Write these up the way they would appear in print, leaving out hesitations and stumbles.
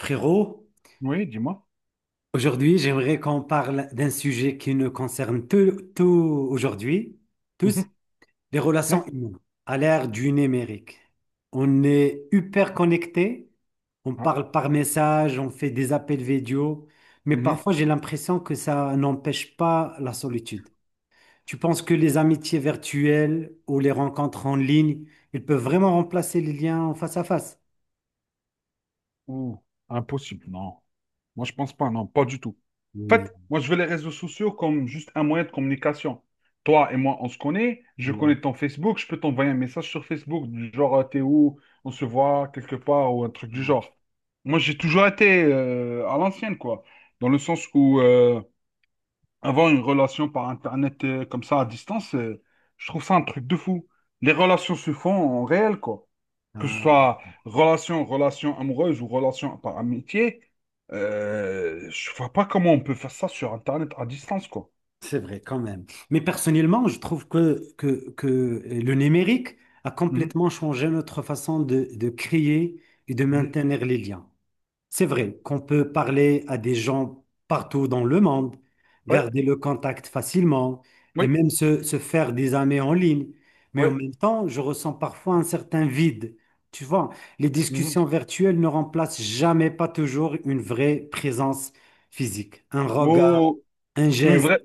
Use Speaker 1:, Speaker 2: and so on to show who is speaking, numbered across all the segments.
Speaker 1: Frérot,
Speaker 2: Oui, dis-moi.
Speaker 1: aujourd'hui, j'aimerais qu'on parle d'un sujet qui nous concerne aujourd'hui, tous,
Speaker 2: Mhm.
Speaker 1: les relations
Speaker 2: Ouais.
Speaker 1: humaines à l'ère du numérique. On est hyper connectés, on
Speaker 2: Ah,
Speaker 1: parle par message, on fait des appels vidéo, mais
Speaker 2: mhm.
Speaker 1: parfois j'ai l'impression que ça n'empêche pas la solitude. Tu penses que les amitiés virtuelles ou les rencontres en ligne, ils peuvent vraiment remplacer les liens en face à face?
Speaker 2: Ouh, impossible, non. Moi, je pense pas, non, pas du tout. En
Speaker 1: Oui.
Speaker 2: fait, moi, je veux les réseaux sociaux comme juste un moyen de communication. Toi et moi, on se connaît, je connais ton Facebook, je peux t'envoyer un message sur Facebook, du genre, t'es où, on se voit quelque part, ou un truc du genre. Moi, j'ai toujours été à l'ancienne, quoi. Dans le sens où avoir une relation par Internet comme ça à distance, je trouve ça un truc de fou. Les relations se font en réel, quoi. Que ce soit relation amoureuse ou relation par amitié, je vois pas comment on peut faire ça sur Internet à distance, quoi.
Speaker 1: C'est vrai, quand même. Mais personnellement, je trouve que le numérique a
Speaker 2: Mhm,
Speaker 1: complètement changé notre façon de créer et de
Speaker 2: mhm.
Speaker 1: maintenir les liens. C'est vrai qu'on peut parler à des gens partout dans le monde,
Speaker 2: Ouais,
Speaker 1: garder le contact facilement et
Speaker 2: oui,
Speaker 1: même se faire des amis en ligne. Mais en
Speaker 2: oui.
Speaker 1: même temps, je ressens parfois un certain vide. Tu vois, les
Speaker 2: Mhm.
Speaker 1: discussions virtuelles ne remplacent jamais, pas toujours, une vraie présence physique, un regard,
Speaker 2: Oh,
Speaker 1: un
Speaker 2: une
Speaker 1: geste.
Speaker 2: vraie,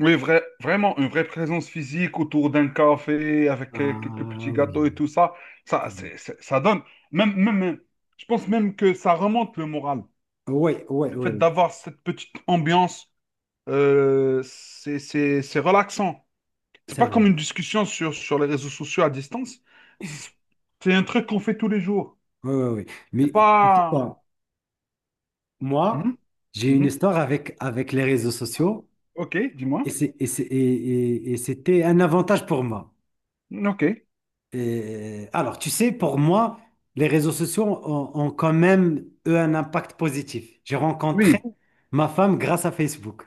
Speaker 2: oui, vrai, vraiment une vraie présence physique autour d'un café avec quelques
Speaker 1: Ah
Speaker 2: petits gâteaux et
Speaker 1: oui,
Speaker 2: tout ça,
Speaker 1: ça me-
Speaker 2: ça donne. Même, même, je pense même que ça remonte le moral.
Speaker 1: ouais, ouais,
Speaker 2: Le
Speaker 1: ouais,
Speaker 2: fait d'avoir cette petite ambiance, c'est relaxant. C'est
Speaker 1: c'est
Speaker 2: pas
Speaker 1: vrai.
Speaker 2: comme une discussion sur les réseaux sociaux à distance. C'est un truc qu'on fait tous les jours.
Speaker 1: Ouais, ouais, ouais.
Speaker 2: C'est
Speaker 1: Mais tu sais
Speaker 2: pas.
Speaker 1: quoi, moi,
Speaker 2: Mhm,
Speaker 1: j'ai une
Speaker 2: mhm.
Speaker 1: histoire avec les réseaux
Speaker 2: Ah.
Speaker 1: sociaux
Speaker 2: Ok,
Speaker 1: et
Speaker 2: dis-moi.
Speaker 1: c'est, et c'est- et- et c'était un avantage pour moi.
Speaker 2: Ok.
Speaker 1: Et, alors, tu sais, pour moi, les réseaux sociaux ont quand même, eux, un impact positif. J'ai rencontré
Speaker 2: Oui.
Speaker 1: ma femme grâce à Facebook.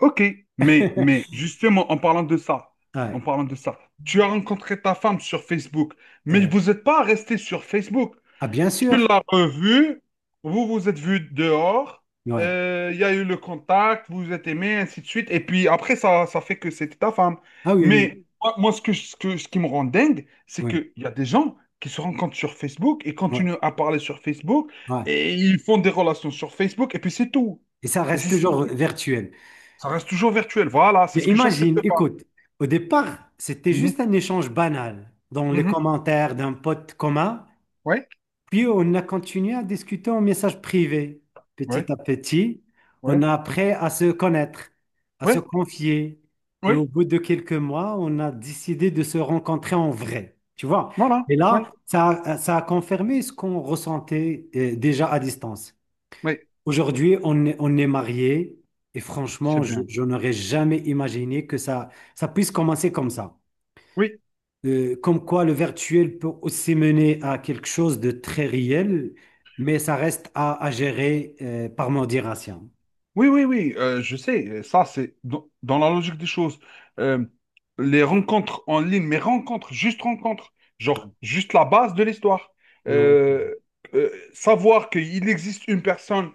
Speaker 2: Ok. Mais justement, en
Speaker 1: Ouais.
Speaker 2: parlant de ça, tu as rencontré ta femme sur Facebook, mais
Speaker 1: Euh,
Speaker 2: vous n'êtes pas resté sur Facebook.
Speaker 1: ah, bien
Speaker 2: Tu
Speaker 1: sûr.
Speaker 2: l'as revu, vous vous êtes vu dehors,
Speaker 1: Ouais.
Speaker 2: il y a eu le contact, vous vous êtes aimé, ainsi de suite. Et puis après, ça fait que c'était ta femme.
Speaker 1: Ah oui, oui,
Speaker 2: Mais ce qui me rend dingue, c'est
Speaker 1: oui,
Speaker 2: qu'il y a des gens qui se rencontrent sur Facebook et
Speaker 1: ouais,
Speaker 2: continuent à parler sur Facebook
Speaker 1: ouais.
Speaker 2: et ils font des relations sur Facebook et puis c'est tout.
Speaker 1: Et ça
Speaker 2: Et
Speaker 1: reste
Speaker 2: c'est-
Speaker 1: toujours virtuel.
Speaker 2: Ça reste toujours virtuel. Voilà, c'est
Speaker 1: Mais
Speaker 2: ce que j'accepte
Speaker 1: imagine,
Speaker 2: pas.
Speaker 1: écoute, au départ, c'était
Speaker 2: Mhm,
Speaker 1: juste un échange banal dans les
Speaker 2: mhm.
Speaker 1: commentaires d'un pote commun,
Speaker 2: Ouais,
Speaker 1: puis on a continué à discuter en message privé. Petit
Speaker 2: ouais,
Speaker 1: à petit, on
Speaker 2: ouais,
Speaker 1: a appris à se connaître, à se
Speaker 2: ouais,
Speaker 1: confier, et au
Speaker 2: ouais.
Speaker 1: bout de quelques mois, on a décidé de se rencontrer en vrai, tu vois.
Speaker 2: Voilà,
Speaker 1: Et
Speaker 2: ouais,
Speaker 1: là, ça a confirmé ce qu'on ressentait déjà à distance.
Speaker 2: ouais.
Speaker 1: Aujourd'hui, on est mariés et
Speaker 2: C'est
Speaker 1: franchement,
Speaker 2: bien.
Speaker 1: je n'aurais jamais imaginé que ça puisse commencer comme ça.
Speaker 2: Oui.
Speaker 1: Comme quoi le virtuel peut aussi mener à quelque chose de très réel, mais ça reste à gérer par modération.
Speaker 2: Oui, oui, oui, je sais, ça c'est dans la logique des choses. Euh, les rencontres en ligne, mais rencontres, juste rencontres, genre juste la base de l'histoire.
Speaker 1: Non,
Speaker 2: Euh, savoir qu'il existe une personne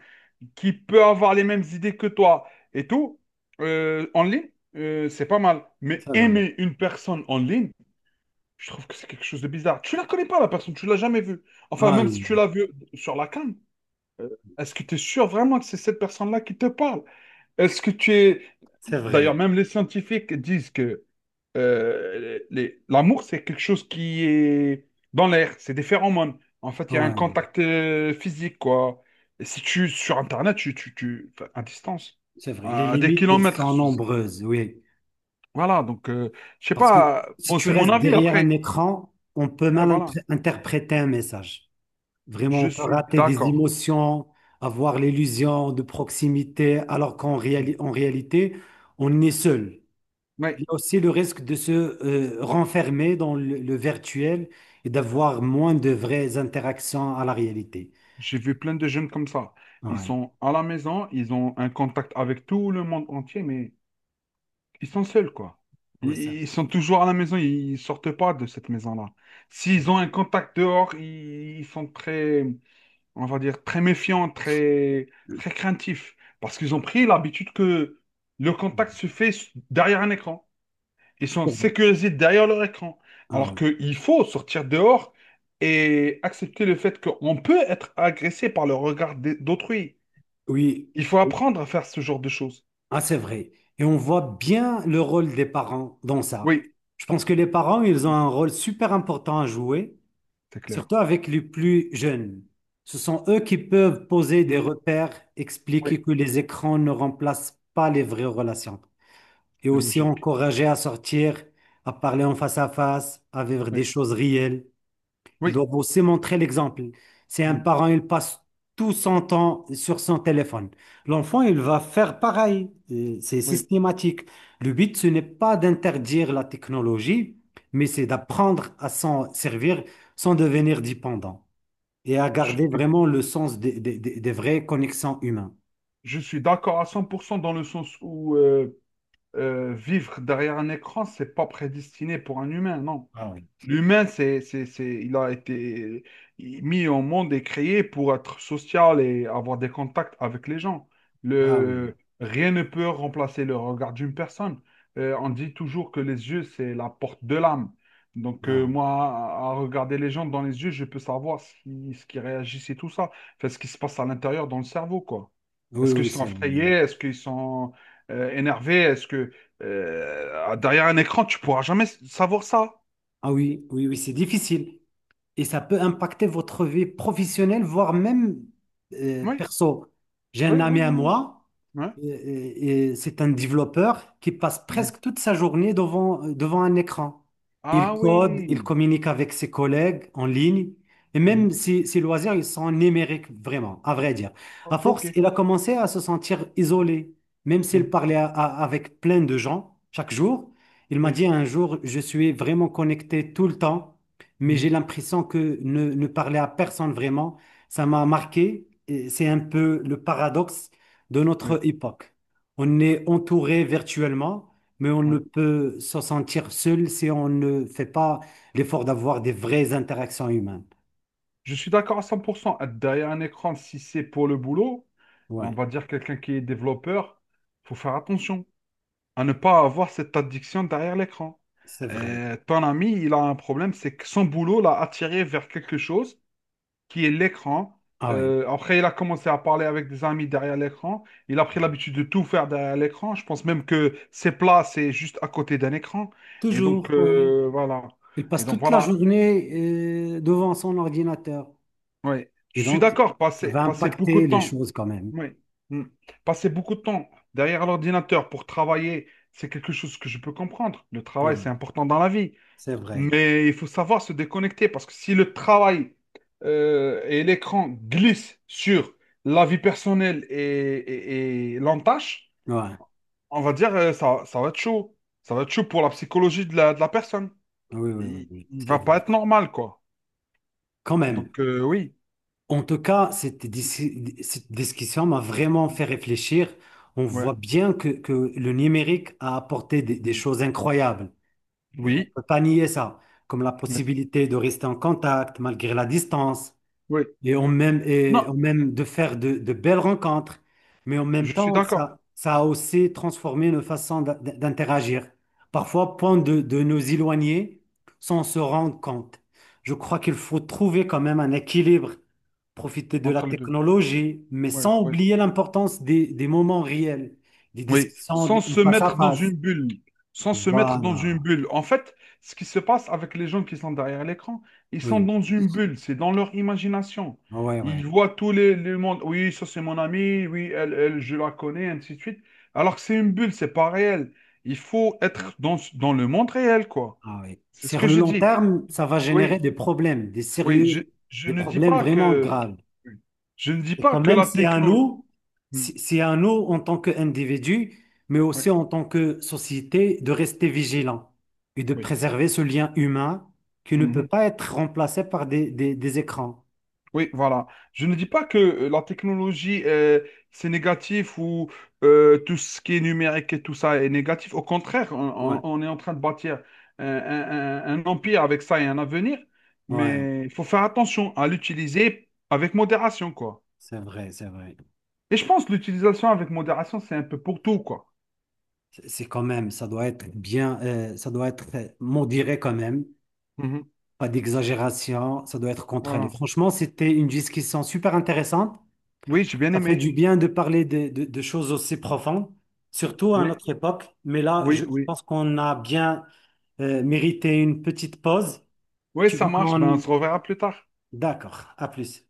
Speaker 2: qui peut avoir les mêmes idées que toi et tout, en ligne, c'est pas mal. Mais
Speaker 1: c'est vrai.
Speaker 2: aimer une personne en ligne, je trouve que c'est quelque chose de bizarre. Tu la connais pas, la personne, tu l'as jamais vue. Enfin,
Speaker 1: Ah
Speaker 2: même si
Speaker 1: oui,
Speaker 2: tu l'as vue sur la cam, euh, est-ce que tu es sûr vraiment que c'est cette personne-là qui te parle? Est-ce que tu es...
Speaker 1: c'est
Speaker 2: D'ailleurs,
Speaker 1: vrai.
Speaker 2: même les scientifiques disent que l'amour, c'est quelque chose qui est dans l'air, c'est des phéromones. En fait, il y a un
Speaker 1: Ouais, ouais,
Speaker 2: contact physique, quoi. Et si tu, sur Internet, enfin, à distance,
Speaker 1: c'est vrai. Les
Speaker 2: à des
Speaker 1: limites, elles
Speaker 2: kilomètres.
Speaker 1: sont nombreuses, oui.
Speaker 2: Voilà, donc, je sais
Speaker 1: Parce que
Speaker 2: pas,
Speaker 1: si
Speaker 2: bon,
Speaker 1: tu
Speaker 2: c'est mon
Speaker 1: restes
Speaker 2: avis
Speaker 1: derrière un
Speaker 2: après.
Speaker 1: écran, on peut
Speaker 2: Ouais,
Speaker 1: mal
Speaker 2: voilà,
Speaker 1: interpréter un message. Vraiment,
Speaker 2: je
Speaker 1: on peut
Speaker 2: suis
Speaker 1: rater des
Speaker 2: d'accord.
Speaker 1: émotions, avoir l'illusion de proximité, alors en réalité, on est seul.
Speaker 2: Oui,
Speaker 1: Il y a aussi le risque de se renfermer dans le virtuel et d'avoir moins de vraies interactions à la réalité.
Speaker 2: j'ai vu plein de jeunes comme ça.
Speaker 1: Ah
Speaker 2: Ils
Speaker 1: ouais.
Speaker 2: sont à la maison, ils ont un contact avec tout le monde entier, mais ils sont seuls, quoi.
Speaker 1: Ouais
Speaker 2: Ils,
Speaker 1: ça.
Speaker 2: ils sont toujours à la maison, ils sortent pas de cette maison-là. S'ils ont un contact dehors, ils sont très, on va dire, très méfiants, très, très craintifs. Parce qu'ils ont pris l'habitude que le contact se fait derrière un écran. Ils sont
Speaker 1: Ah
Speaker 2: sécurisés derrière leur écran. Alors
Speaker 1: ouais.
Speaker 2: qu'il faut sortir dehors et accepter le fait qu'on peut être agressé par le regard d'autrui.
Speaker 1: Oui,
Speaker 2: Il faut apprendre à faire ce genre de choses.
Speaker 1: ah, c'est vrai. Et on voit bien le rôle des parents dans ça.
Speaker 2: Oui,
Speaker 1: Je pense que les parents, ils ont un rôle super important à jouer.
Speaker 2: c'est clair.
Speaker 1: Surtout avec les plus jeunes. Ce sont eux qui peuvent poser des
Speaker 2: Mhm.
Speaker 1: repères,
Speaker 2: Oui,
Speaker 1: expliquer que les écrans ne remplacent pas les vraies relations et
Speaker 2: c'est
Speaker 1: aussi
Speaker 2: logique.
Speaker 1: encourager à sortir, à parler en face à face, à vivre des
Speaker 2: Oui,
Speaker 1: choses réelles. Ils
Speaker 2: oui,
Speaker 1: doivent aussi montrer l'exemple. Si un
Speaker 2: mm,
Speaker 1: parent, il passe tout son temps sur son téléphone, l'enfant, il va faire pareil. C'est
Speaker 2: oui.
Speaker 1: systématique. Le but, ce n'est pas d'interdire la technologie, mais c'est d'apprendre à s'en servir sans devenir dépendant et à
Speaker 2: Je
Speaker 1: garder
Speaker 2: suis,
Speaker 1: vraiment le sens des vraies connexions humaines.
Speaker 2: je suis d'accord à 100% dans le sens où vivre derrière un écran, c'est pas prédestiné pour un humain, non.
Speaker 1: Ah oui.
Speaker 2: L'humain, il a été mis au monde et créé pour être social et avoir des contacts avec les gens.
Speaker 1: Ah oui,
Speaker 2: Rien ne peut remplacer le regard d'une personne. On dit toujours que les yeux, c'est la porte de l'âme. Donc,
Speaker 1: ah
Speaker 2: moi, à regarder les gens dans les yeux, je peux savoir si, ce qui réagissent et tout ça. Enfin, ce qui se passe à l'intérieur dans le cerveau, quoi.
Speaker 1: oui, oui,
Speaker 2: Est-ce qu'ils
Speaker 1: oui,
Speaker 2: sont
Speaker 1: c'est,
Speaker 2: effrayés? Est-ce qu'ils sont énervé, est-ce que derrière un écran, tu pourras jamais savoir ça?
Speaker 1: ah oui, oui, oui, c'est difficile. Et ça peut impacter votre vie professionnelle, voire même
Speaker 2: Oui,
Speaker 1: perso. J'ai un
Speaker 2: oui, oui,
Speaker 1: ami à
Speaker 2: oui, oui.
Speaker 1: moi,
Speaker 2: Ouais.
Speaker 1: et c'est un développeur qui passe
Speaker 2: Mhm.
Speaker 1: presque toute sa journée devant un écran. Il
Speaker 2: Ah
Speaker 1: code, il
Speaker 2: oui.
Speaker 1: communique avec ses collègues en ligne, et même
Speaker 2: Mhm.
Speaker 1: ses loisirs, ils sont numériques, vraiment, à vrai dire. À
Speaker 2: Ok.
Speaker 1: force, il a commencé à se sentir isolé, même s'il
Speaker 2: Mhm.
Speaker 1: parlait à- à- avec plein de gens chaque jour. Il m'a
Speaker 2: Oui.
Speaker 1: dit un jour, je suis vraiment connecté tout le temps mais j'ai
Speaker 2: Mhm.
Speaker 1: l'impression que ne parler à personne vraiment, ça m'a marqué. Et c'est un peu le paradoxe de
Speaker 2: Oui.
Speaker 1: notre époque. On est entouré virtuellement, mais on ne
Speaker 2: Oui.
Speaker 1: peut se sentir seul si on ne fait pas l'effort d'avoir des vraies interactions humaines.
Speaker 2: Je suis d'accord à 100%. Être derrière un écran, si c'est pour le boulot, on
Speaker 1: Ouais,
Speaker 2: va dire quelqu'un qui est développeur, faut faire attention à ne pas avoir cette addiction derrière l'écran.
Speaker 1: c'est vrai.
Speaker 2: Ton ami, il a un problème, c'est que son boulot l'a attiré vers quelque chose qui est l'écran.
Speaker 1: Ah ouais,
Speaker 2: Après, il a commencé à parler avec des amis derrière l'écran. Il a pris l'habitude de tout faire derrière l'écran. Je pense même que ses plats, c'est juste à côté d'un écran. Et donc,
Speaker 1: toujours, ouais.
Speaker 2: voilà.
Speaker 1: Il
Speaker 2: Et
Speaker 1: passe
Speaker 2: donc,
Speaker 1: toute la
Speaker 2: voilà.
Speaker 1: journée devant son ordinateur.
Speaker 2: Ouais.
Speaker 1: Et
Speaker 2: Je suis
Speaker 1: donc,
Speaker 2: d'accord.
Speaker 1: ça va
Speaker 2: Passer beaucoup
Speaker 1: impacter
Speaker 2: de
Speaker 1: les
Speaker 2: temps.
Speaker 1: choses quand même.
Speaker 2: Oui. Mm. Passer beaucoup de temps derrière l'ordinateur pour travailler, c'est quelque chose que je peux comprendre. Le travail,
Speaker 1: Ouais,
Speaker 2: c'est important dans la vie.
Speaker 1: c'est vrai.
Speaker 2: Mais il faut savoir se déconnecter parce que si le travail et l'écran glissent sur la vie personnelle et l'entache,
Speaker 1: Ouais.
Speaker 2: on va dire ça va être chaud. Ça va être chaud pour la psychologie de la personne.
Speaker 1: Oui, oui, oui,
Speaker 2: Il,
Speaker 1: oui,
Speaker 2: il
Speaker 1: c'est
Speaker 2: va
Speaker 1: vrai.
Speaker 2: pas être normal, quoi.
Speaker 1: Quand même.
Speaker 2: Donc, oui.
Speaker 1: En tout cas, cette discussion m'a vraiment fait réfléchir. On
Speaker 2: Ouais.
Speaker 1: voit bien que le numérique a apporté des
Speaker 2: Mm.
Speaker 1: choses incroyables. On ne
Speaker 2: Oui.
Speaker 1: peut pas nier ça, comme la
Speaker 2: Ouais.
Speaker 1: possibilité de rester en contact malgré la distance,
Speaker 2: Oui. Non,
Speaker 1: et on même de faire de belles rencontres, mais en même
Speaker 2: je suis
Speaker 1: temps,
Speaker 2: d'accord
Speaker 1: ça a aussi transformé nos façons d'interagir. Parfois, point de nous éloigner sans se rendre compte. Je crois qu'il faut trouver quand même un équilibre, profiter de la
Speaker 2: entre les deux.
Speaker 1: technologie, mais
Speaker 2: Ouais,
Speaker 1: sans
Speaker 2: ouais.
Speaker 1: oublier l'importance des moments réels, des
Speaker 2: Oui,
Speaker 1: discussions
Speaker 2: sans
Speaker 1: de-
Speaker 2: se
Speaker 1: face à
Speaker 2: mettre dans une
Speaker 1: face.
Speaker 2: bulle, sans se mettre dans
Speaker 1: Voilà.
Speaker 2: une bulle. En fait, ce qui se passe avec les gens qui sont derrière l'écran, ils sont
Speaker 1: Oui,
Speaker 2: dans une bulle, c'est dans leur imagination.
Speaker 1: ouais,
Speaker 2: Ils
Speaker 1: ouais.
Speaker 2: voient tous les mondes, oui, ça c'est mon ami, oui, elle, elle, je la connais, ainsi de suite. Alors que c'est une bulle, c'est pas réel. Il faut être dans, le monde réel, quoi.
Speaker 1: Ah oui.
Speaker 2: C'est ce
Speaker 1: Sur
Speaker 2: que
Speaker 1: le
Speaker 2: je
Speaker 1: long
Speaker 2: dis.
Speaker 1: terme, ça va générer
Speaker 2: Oui,
Speaker 1: des problèmes, des
Speaker 2: oui,
Speaker 1: sérieux,
Speaker 2: je
Speaker 1: des
Speaker 2: ne dis
Speaker 1: problèmes
Speaker 2: pas
Speaker 1: vraiment
Speaker 2: que,
Speaker 1: graves.
Speaker 2: je ne dis
Speaker 1: Et
Speaker 2: pas
Speaker 1: quand
Speaker 2: que
Speaker 1: même,
Speaker 2: la
Speaker 1: c'est à
Speaker 2: technologie.
Speaker 1: nous, c'est c'est à nous en tant qu'individus, mais
Speaker 2: Oui,
Speaker 1: aussi en tant que société, de rester vigilants et de
Speaker 2: oui.
Speaker 1: préserver ce lien humain qui ne peut
Speaker 2: Mhm.
Speaker 1: pas être remplacé par des écrans.
Speaker 2: Oui, voilà. Je ne dis pas que la technologie, c'est négatif ou tout ce qui est numérique et tout ça est négatif. Au contraire,
Speaker 1: Ouais,
Speaker 2: on est en train de bâtir un empire avec ça et un avenir.
Speaker 1: ouais,
Speaker 2: Mais il faut faire attention à l'utiliser avec modération, quoi.
Speaker 1: c'est vrai, c'est vrai.
Speaker 2: Et je pense que l'utilisation avec modération, c'est un peu pour tout, quoi.
Speaker 1: C'est quand même, ça doit être bien, ça doit être modéré quand même.
Speaker 2: Mhm.
Speaker 1: Pas d'exagération, ça doit être contrôlé.
Speaker 2: Voilà.
Speaker 1: Franchement, c'était une discussion super intéressante.
Speaker 2: Oui, j'ai bien
Speaker 1: Ça fait
Speaker 2: aimé.
Speaker 1: du bien de parler de choses aussi profondes, surtout à
Speaker 2: Oui,
Speaker 1: notre époque. Mais là,
Speaker 2: oui,
Speaker 1: je
Speaker 2: oui.
Speaker 1: pense qu'on a bien mérité une petite pause.
Speaker 2: Oui,
Speaker 1: Tu veux
Speaker 2: ça marche. Ben, on
Speaker 1: qu'on...
Speaker 2: se reverra plus tard.
Speaker 1: D'accord, à plus.